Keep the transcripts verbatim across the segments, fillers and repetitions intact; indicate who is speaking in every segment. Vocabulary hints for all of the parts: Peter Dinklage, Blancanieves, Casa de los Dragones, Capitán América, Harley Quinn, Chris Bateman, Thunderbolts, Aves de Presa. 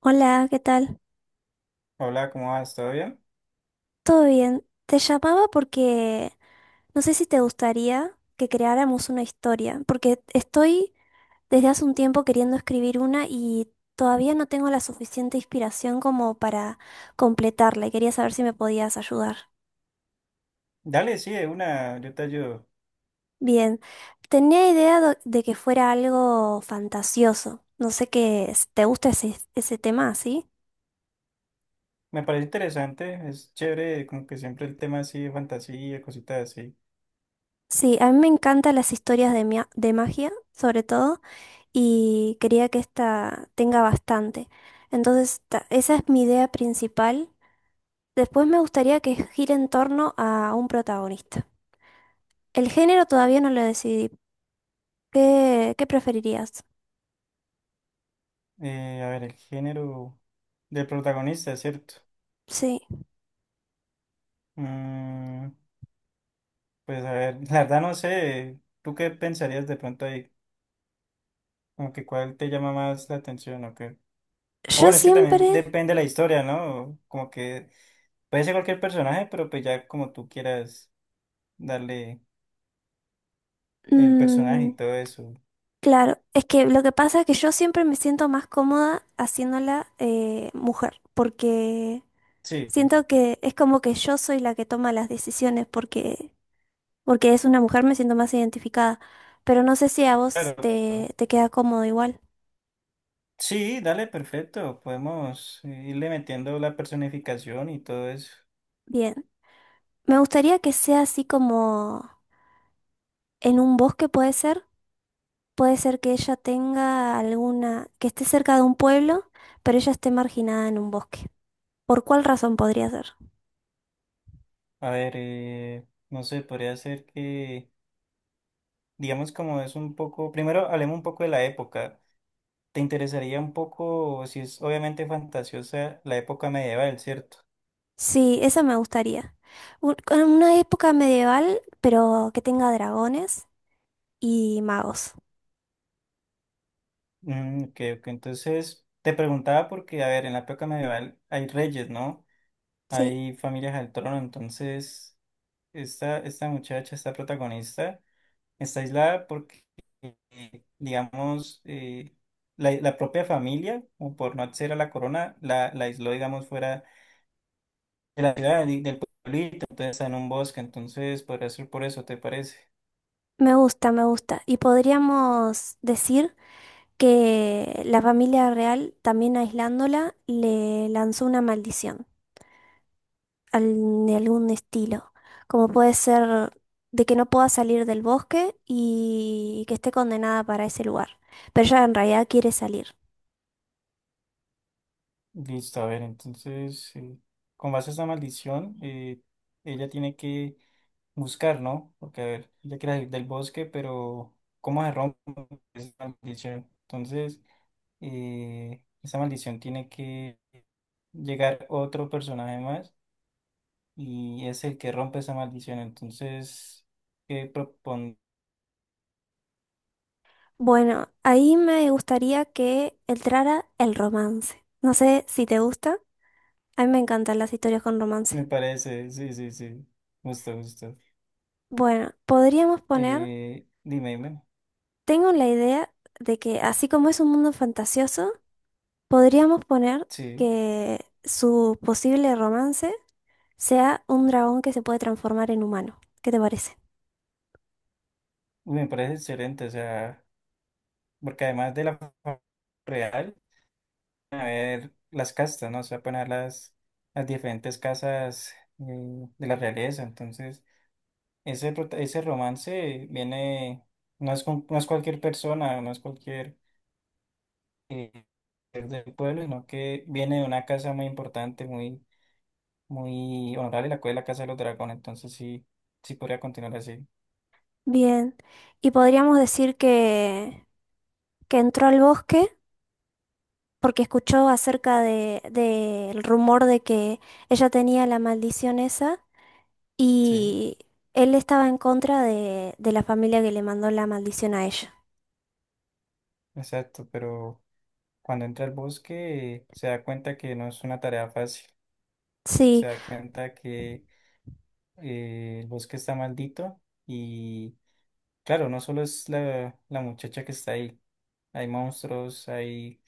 Speaker 1: Hola, ¿qué tal?
Speaker 2: Hola, ¿cómo vas? ¿Todo bien?
Speaker 1: ¿Todo bien? Te llamaba porque no sé si te gustaría que creáramos una historia, porque estoy desde hace un tiempo queriendo escribir una y todavía no tengo la suficiente inspiración como para completarla y quería saber si me podías ayudar.
Speaker 2: Dale, sí, de una, yo te ayudo.
Speaker 1: Bien, tenía idea do- de que fuera algo fantasioso. No sé qué es- te gusta ese, ese tema, ¿sí?
Speaker 2: Me parece interesante, es chévere, como que siempre el tema así de fantasía, cositas así.
Speaker 1: Sí, a mí me encantan las historias de, mia- de magia, sobre todo. Y quería que esta tenga bastante. Entonces, ta- esa es mi idea principal. Después me gustaría que gire en torno a un protagonista. El género todavía no lo decidí. ¿Qué, qué preferirías?
Speaker 2: Eh, a ver, el género del protagonista, ¿cierto?
Speaker 1: Sí.
Speaker 2: Mm, pues a ver, la verdad no sé, ¿tú qué pensarías de pronto ahí? Como que cuál te llama más la atención o qué. O
Speaker 1: Yo
Speaker 2: bueno, es que también
Speaker 1: siempre...
Speaker 2: depende de la historia, ¿no? Como que puede ser cualquier personaje, pero pues ya como tú quieras darle el personaje
Speaker 1: Mm,
Speaker 2: y todo eso.
Speaker 1: claro, es que lo que pasa es que yo siempre me siento más cómoda haciéndola eh, mujer, porque
Speaker 2: Sí.
Speaker 1: siento que es como que yo soy la que toma las decisiones, porque porque es una mujer, me siento más identificada, pero no sé si a vos
Speaker 2: Claro, claro.
Speaker 1: te, te queda cómodo igual.
Speaker 2: Sí, dale, perfecto. Podemos eh, irle metiendo la personificación y todo eso.
Speaker 1: Bien, me gustaría que sea así como en un bosque puede ser, puede ser que ella tenga alguna, que esté cerca de un pueblo, pero ella esté marginada en un bosque. ¿Por cuál razón podría ser?
Speaker 2: A ver, eh, no sé, podría ser que, digamos, como es un poco, primero hablemos un poco de la época. ¿Te interesaría un poco, si es obviamente fantasiosa, la época medieval, ¿cierto?
Speaker 1: Sí, esa me gustaría. Un- con una época medieval, pero que tenga dragones y magos.
Speaker 2: Mm, ok, ok. Entonces, te preguntaba porque, a ver, en la época medieval hay reyes, ¿no?
Speaker 1: Sí,
Speaker 2: Hay familias al trono, entonces, esta, esta muchacha, esta protagonista está aislada porque, eh, digamos, eh, la, la propia familia, o por no acceder a la corona, la, la aisló, digamos, fuera de la ciudad y del pueblito, entonces está en un bosque, entonces podría ser por eso, ¿te parece?
Speaker 1: me gusta, me gusta. Y podríamos decir que la familia real, también aislándola, le lanzó una maldición al- de algún estilo, como puede ser de que no pueda salir del bosque y que esté condenada para ese lugar. Pero ella en realidad quiere salir.
Speaker 2: Listo, a ver, entonces, eh, con base a esa maldición, eh, ella tiene que buscar, ¿no? Porque, a ver, ella quiere salir del bosque, pero ¿cómo se rompe esa maldición? Entonces eh, esa maldición tiene que llegar otro personaje más y es el que rompe esa maldición. Entonces, ¿qué propon?
Speaker 1: Bueno, ahí me gustaría que entrara el romance. No sé si te gusta. A mí me encantan las historias con
Speaker 2: Me
Speaker 1: romance.
Speaker 2: parece, sí, sí, sí, justo, justo.
Speaker 1: Bueno, podríamos poner,
Speaker 2: Eh, dime, dime,
Speaker 1: tengo la idea de que así como es un mundo fantasioso, podríamos poner
Speaker 2: sí.
Speaker 1: que su posible romance sea un dragón que se puede transformar en humano. ¿Qué te parece?
Speaker 2: Uy, me parece excelente, o sea, porque además de la fa- real, a ver las castas, ¿no? O sea, poner las, las diferentes casas, eh, de la realeza, entonces ese, prota- ese romance viene, no es, con- no es cualquier persona, no es cualquier eh, ser del pueblo, sino que viene de una casa muy importante, muy, muy honorable, la cual es la Casa de los Dragones. Entonces sí, sí podría continuar así.
Speaker 1: Bien. Y podríamos decir que, que entró al bosque porque escuchó acerca de, del rumor de que ella tenía la maldición esa
Speaker 2: Sí,
Speaker 1: y él estaba en contra de, de la familia que le mandó la maldición a ella.
Speaker 2: exacto, pero cuando entra al bosque se da cuenta que no es una tarea fácil,
Speaker 1: Sí,
Speaker 2: se da cuenta que eh, el bosque está maldito y claro, no solo es la, la muchacha que está ahí, hay monstruos, hay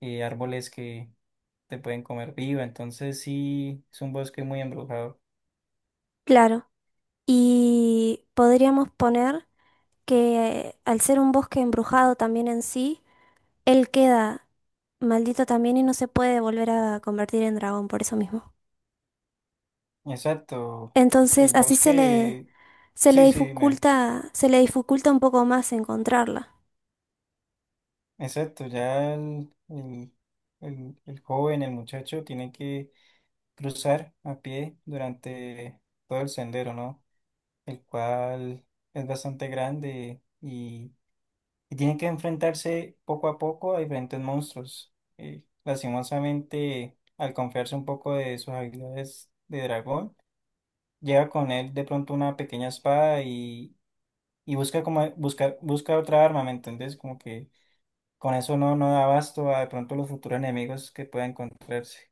Speaker 2: y árboles que te pueden comer viva. Entonces sí, es un bosque muy embrujado.
Speaker 1: claro. Y podríamos poner que al ser un bosque embrujado también en sí, él queda maldito también y no se puede volver a convertir en dragón por eso mismo.
Speaker 2: Exacto. El
Speaker 1: Entonces, así se le,
Speaker 2: bosque,
Speaker 1: se le
Speaker 2: sí, sí, dime.
Speaker 1: dificulta, se le dificulta un poco más encontrarla.
Speaker 2: Exacto. Ya el, el, el, el joven, el muchacho, tiene que cruzar a pie durante todo el sendero, ¿no? El cual es bastante grande y, y tiene que enfrentarse poco a poco a diferentes monstruos. Eh, lastimosamente, al confiarse un poco de sus habilidades de dragón, lleva con él de pronto una pequeña espada y, y busca como busca, busca otra arma, ¿me entendés? Como que con eso no, no da abasto a de pronto los futuros enemigos que pueda encontrarse.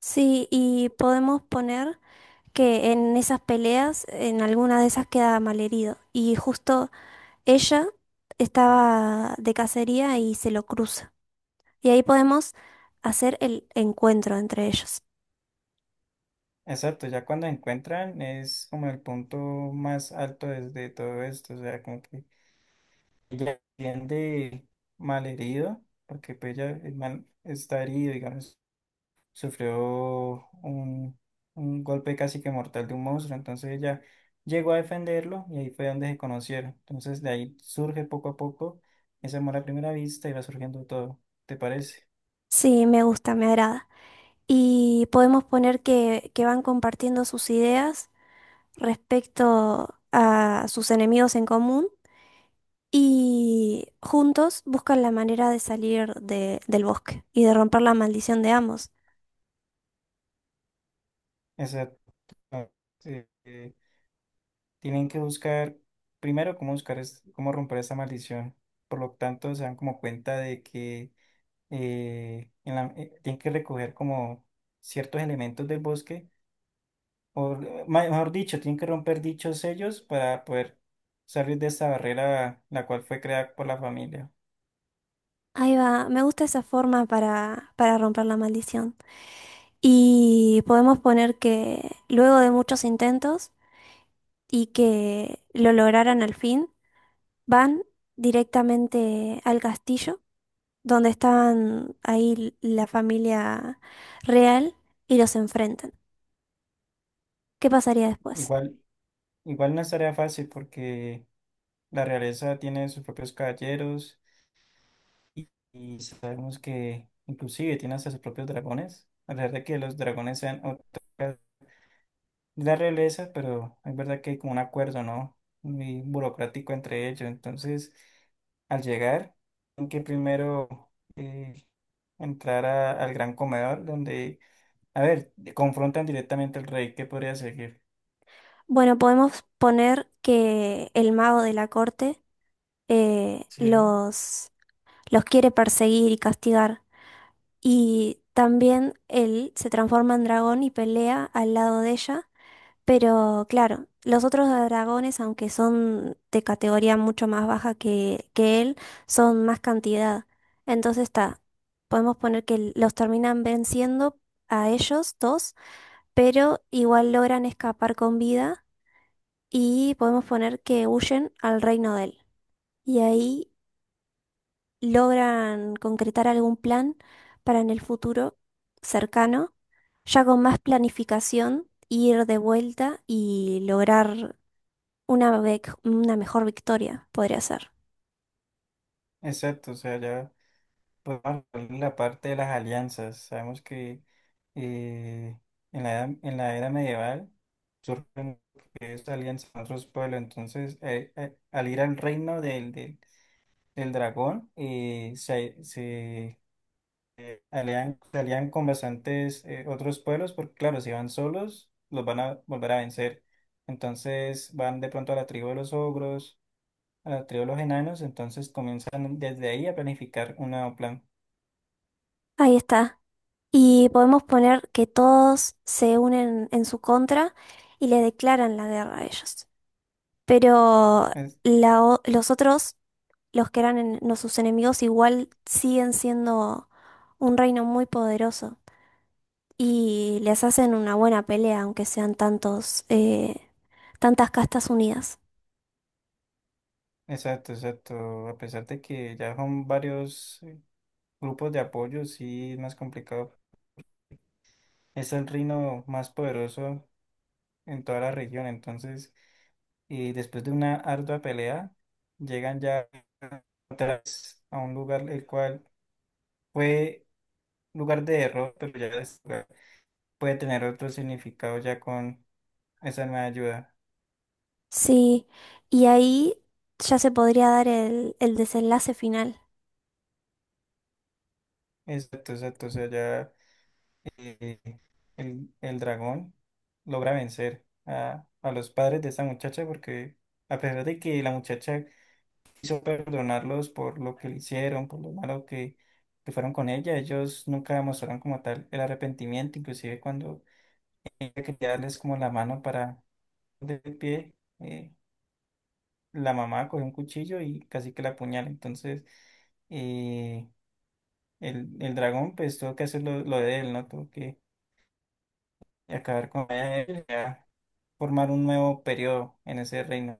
Speaker 1: Sí, y podemos poner que en esas peleas, en alguna de esas queda malherido. Y justo ella estaba de cacería y se lo cruza. Y ahí podemos hacer el encuentro entre ellos.
Speaker 2: Exacto, ya cuando encuentran es como el punto más alto desde todo esto, o sea, como que ella entiende malherido, porque pues ya el man está herido, digamos. Sufrió un, un golpe casi que mortal de un monstruo, entonces ella llegó a defenderlo y ahí fue donde se conocieron. Entonces de ahí surge poco a poco ese amor a primera vista y va surgiendo todo, ¿te parece?
Speaker 1: Sí, me gusta, me agrada. Y podemos poner que, que van compartiendo sus ideas respecto a sus enemigos en común y juntos buscan la manera de salir de- del bosque y de romper la maldición de ambos.
Speaker 2: Exacto. Eh, eh, Tienen que buscar, primero, cómo buscar, es- cómo romper esta maldición. Por lo tanto, se dan como cuenta de que eh, en la- eh, tienen que recoger como ciertos elementos del bosque o eh, ma- mejor dicho, tienen que romper dichos sellos para poder salir de esta barrera la cual fue creada por la familia.
Speaker 1: Ahí va, me gusta esa forma para, para romper la maldición. Y podemos poner que luego de muchos intentos y que lo lograran al fin, van directamente al castillo donde estaban ahí la familia real y los enfrentan. ¿Qué pasaría después?
Speaker 2: Igual, igual no es tarea fácil porque la realeza tiene sus propios caballeros y, y sabemos que inclusive tiene hasta sus propios dragones, a pesar de que los dragones sean otras la realeza, pero es verdad que hay como un acuerdo, ¿no? Muy burocrático entre ellos. Entonces, al llegar, tienen que primero eh, entrar a- al gran comedor, donde, a ver, confrontan directamente al rey, ¿qué podría seguir?
Speaker 1: Bueno, podemos poner que el mago de la corte eh,
Speaker 2: Sí,
Speaker 1: los, los quiere perseguir y castigar. Y también él se transforma en dragón y pelea al lado de ella. Pero claro, los otros dragones, aunque son de categoría mucho más baja que, que él, son más cantidad. Entonces está, podemos poner que los terminan venciendo a ellos dos, pero igual logran escapar con vida y podemos poner que huyen al reino de él. Y ahí logran concretar algún plan para en el futuro cercano, ya con más planificación, ir de vuelta y lograr una, vec- una mejor victoria, podría ser.
Speaker 2: exacto, o sea, ya podemos hablar de la parte de las alianzas. Sabemos que eh, en la edad- en la era medieval surgen esta alianza con otros pueblos, entonces, eh, eh, al ir al reino del, del el dragón y se, se alían, se alían con bastantes eh, otros pueblos, porque claro, si van solos, los van a volver a vencer. Entonces van de pronto a la tribu de los ogros, a la tribu de los enanos, entonces comienzan desde ahí a planificar un nuevo plan.
Speaker 1: Ahí está. Y podemos poner que todos se unen en su contra y le declaran la guerra a ellos. Pero
Speaker 2: Es-
Speaker 1: la o- los otros, los que eran en- no sus enemigos, igual siguen siendo un reino muy poderoso. Y les hacen una buena pelea, aunque sean tantos, eh, tantas castas unidas.
Speaker 2: exacto, exacto. A pesar de que ya son varios eh, grupos de apoyo, sí es más complicado. Es el reino más poderoso en toda la región, entonces y después de una ardua pelea, llegan ya otra vez a un lugar el cual fue lugar de error, pero ya es- puede tener otro significado ya con esa nueva ayuda.
Speaker 1: Sí, y ahí ya se podría dar el, el desenlace final.
Speaker 2: Exacto, exacto, o sea, ya eh, el, el dragón logra vencer a, a los padres de esa muchacha porque a pesar de que la muchacha quiso perdonarlos por lo que le hicieron, por lo malo que que fueron con ella, ellos nunca mostraron como tal el arrepentimiento, inclusive cuando quería darles como la mano para del pie, eh, la mamá cogió un cuchillo y casi que la apuñala. Entonces, eh, el, el dragón pues tuvo que hacer lo, lo de él, ¿no? Tuvo que acabar con él, ya formar un nuevo periodo en ese reino.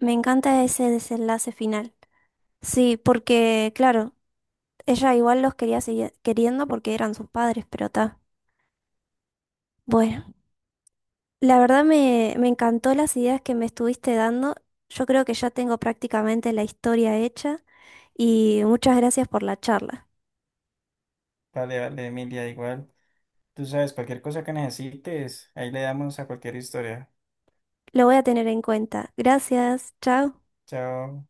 Speaker 1: Me encanta ese desenlace final. Sí, porque, claro, ella igual los quería seguir queriendo porque eran sus padres, pero está. Bueno, la verdad me, me encantó las ideas que me estuviste dando. Yo creo que ya tengo prácticamente la historia hecha y muchas gracias por la charla.
Speaker 2: Vale, vale, Emilia, igual. Tú sabes, cualquier cosa que necesites, ahí le damos a cualquier historia.
Speaker 1: Lo voy a tener en cuenta. Gracias. Chao.
Speaker 2: Chao.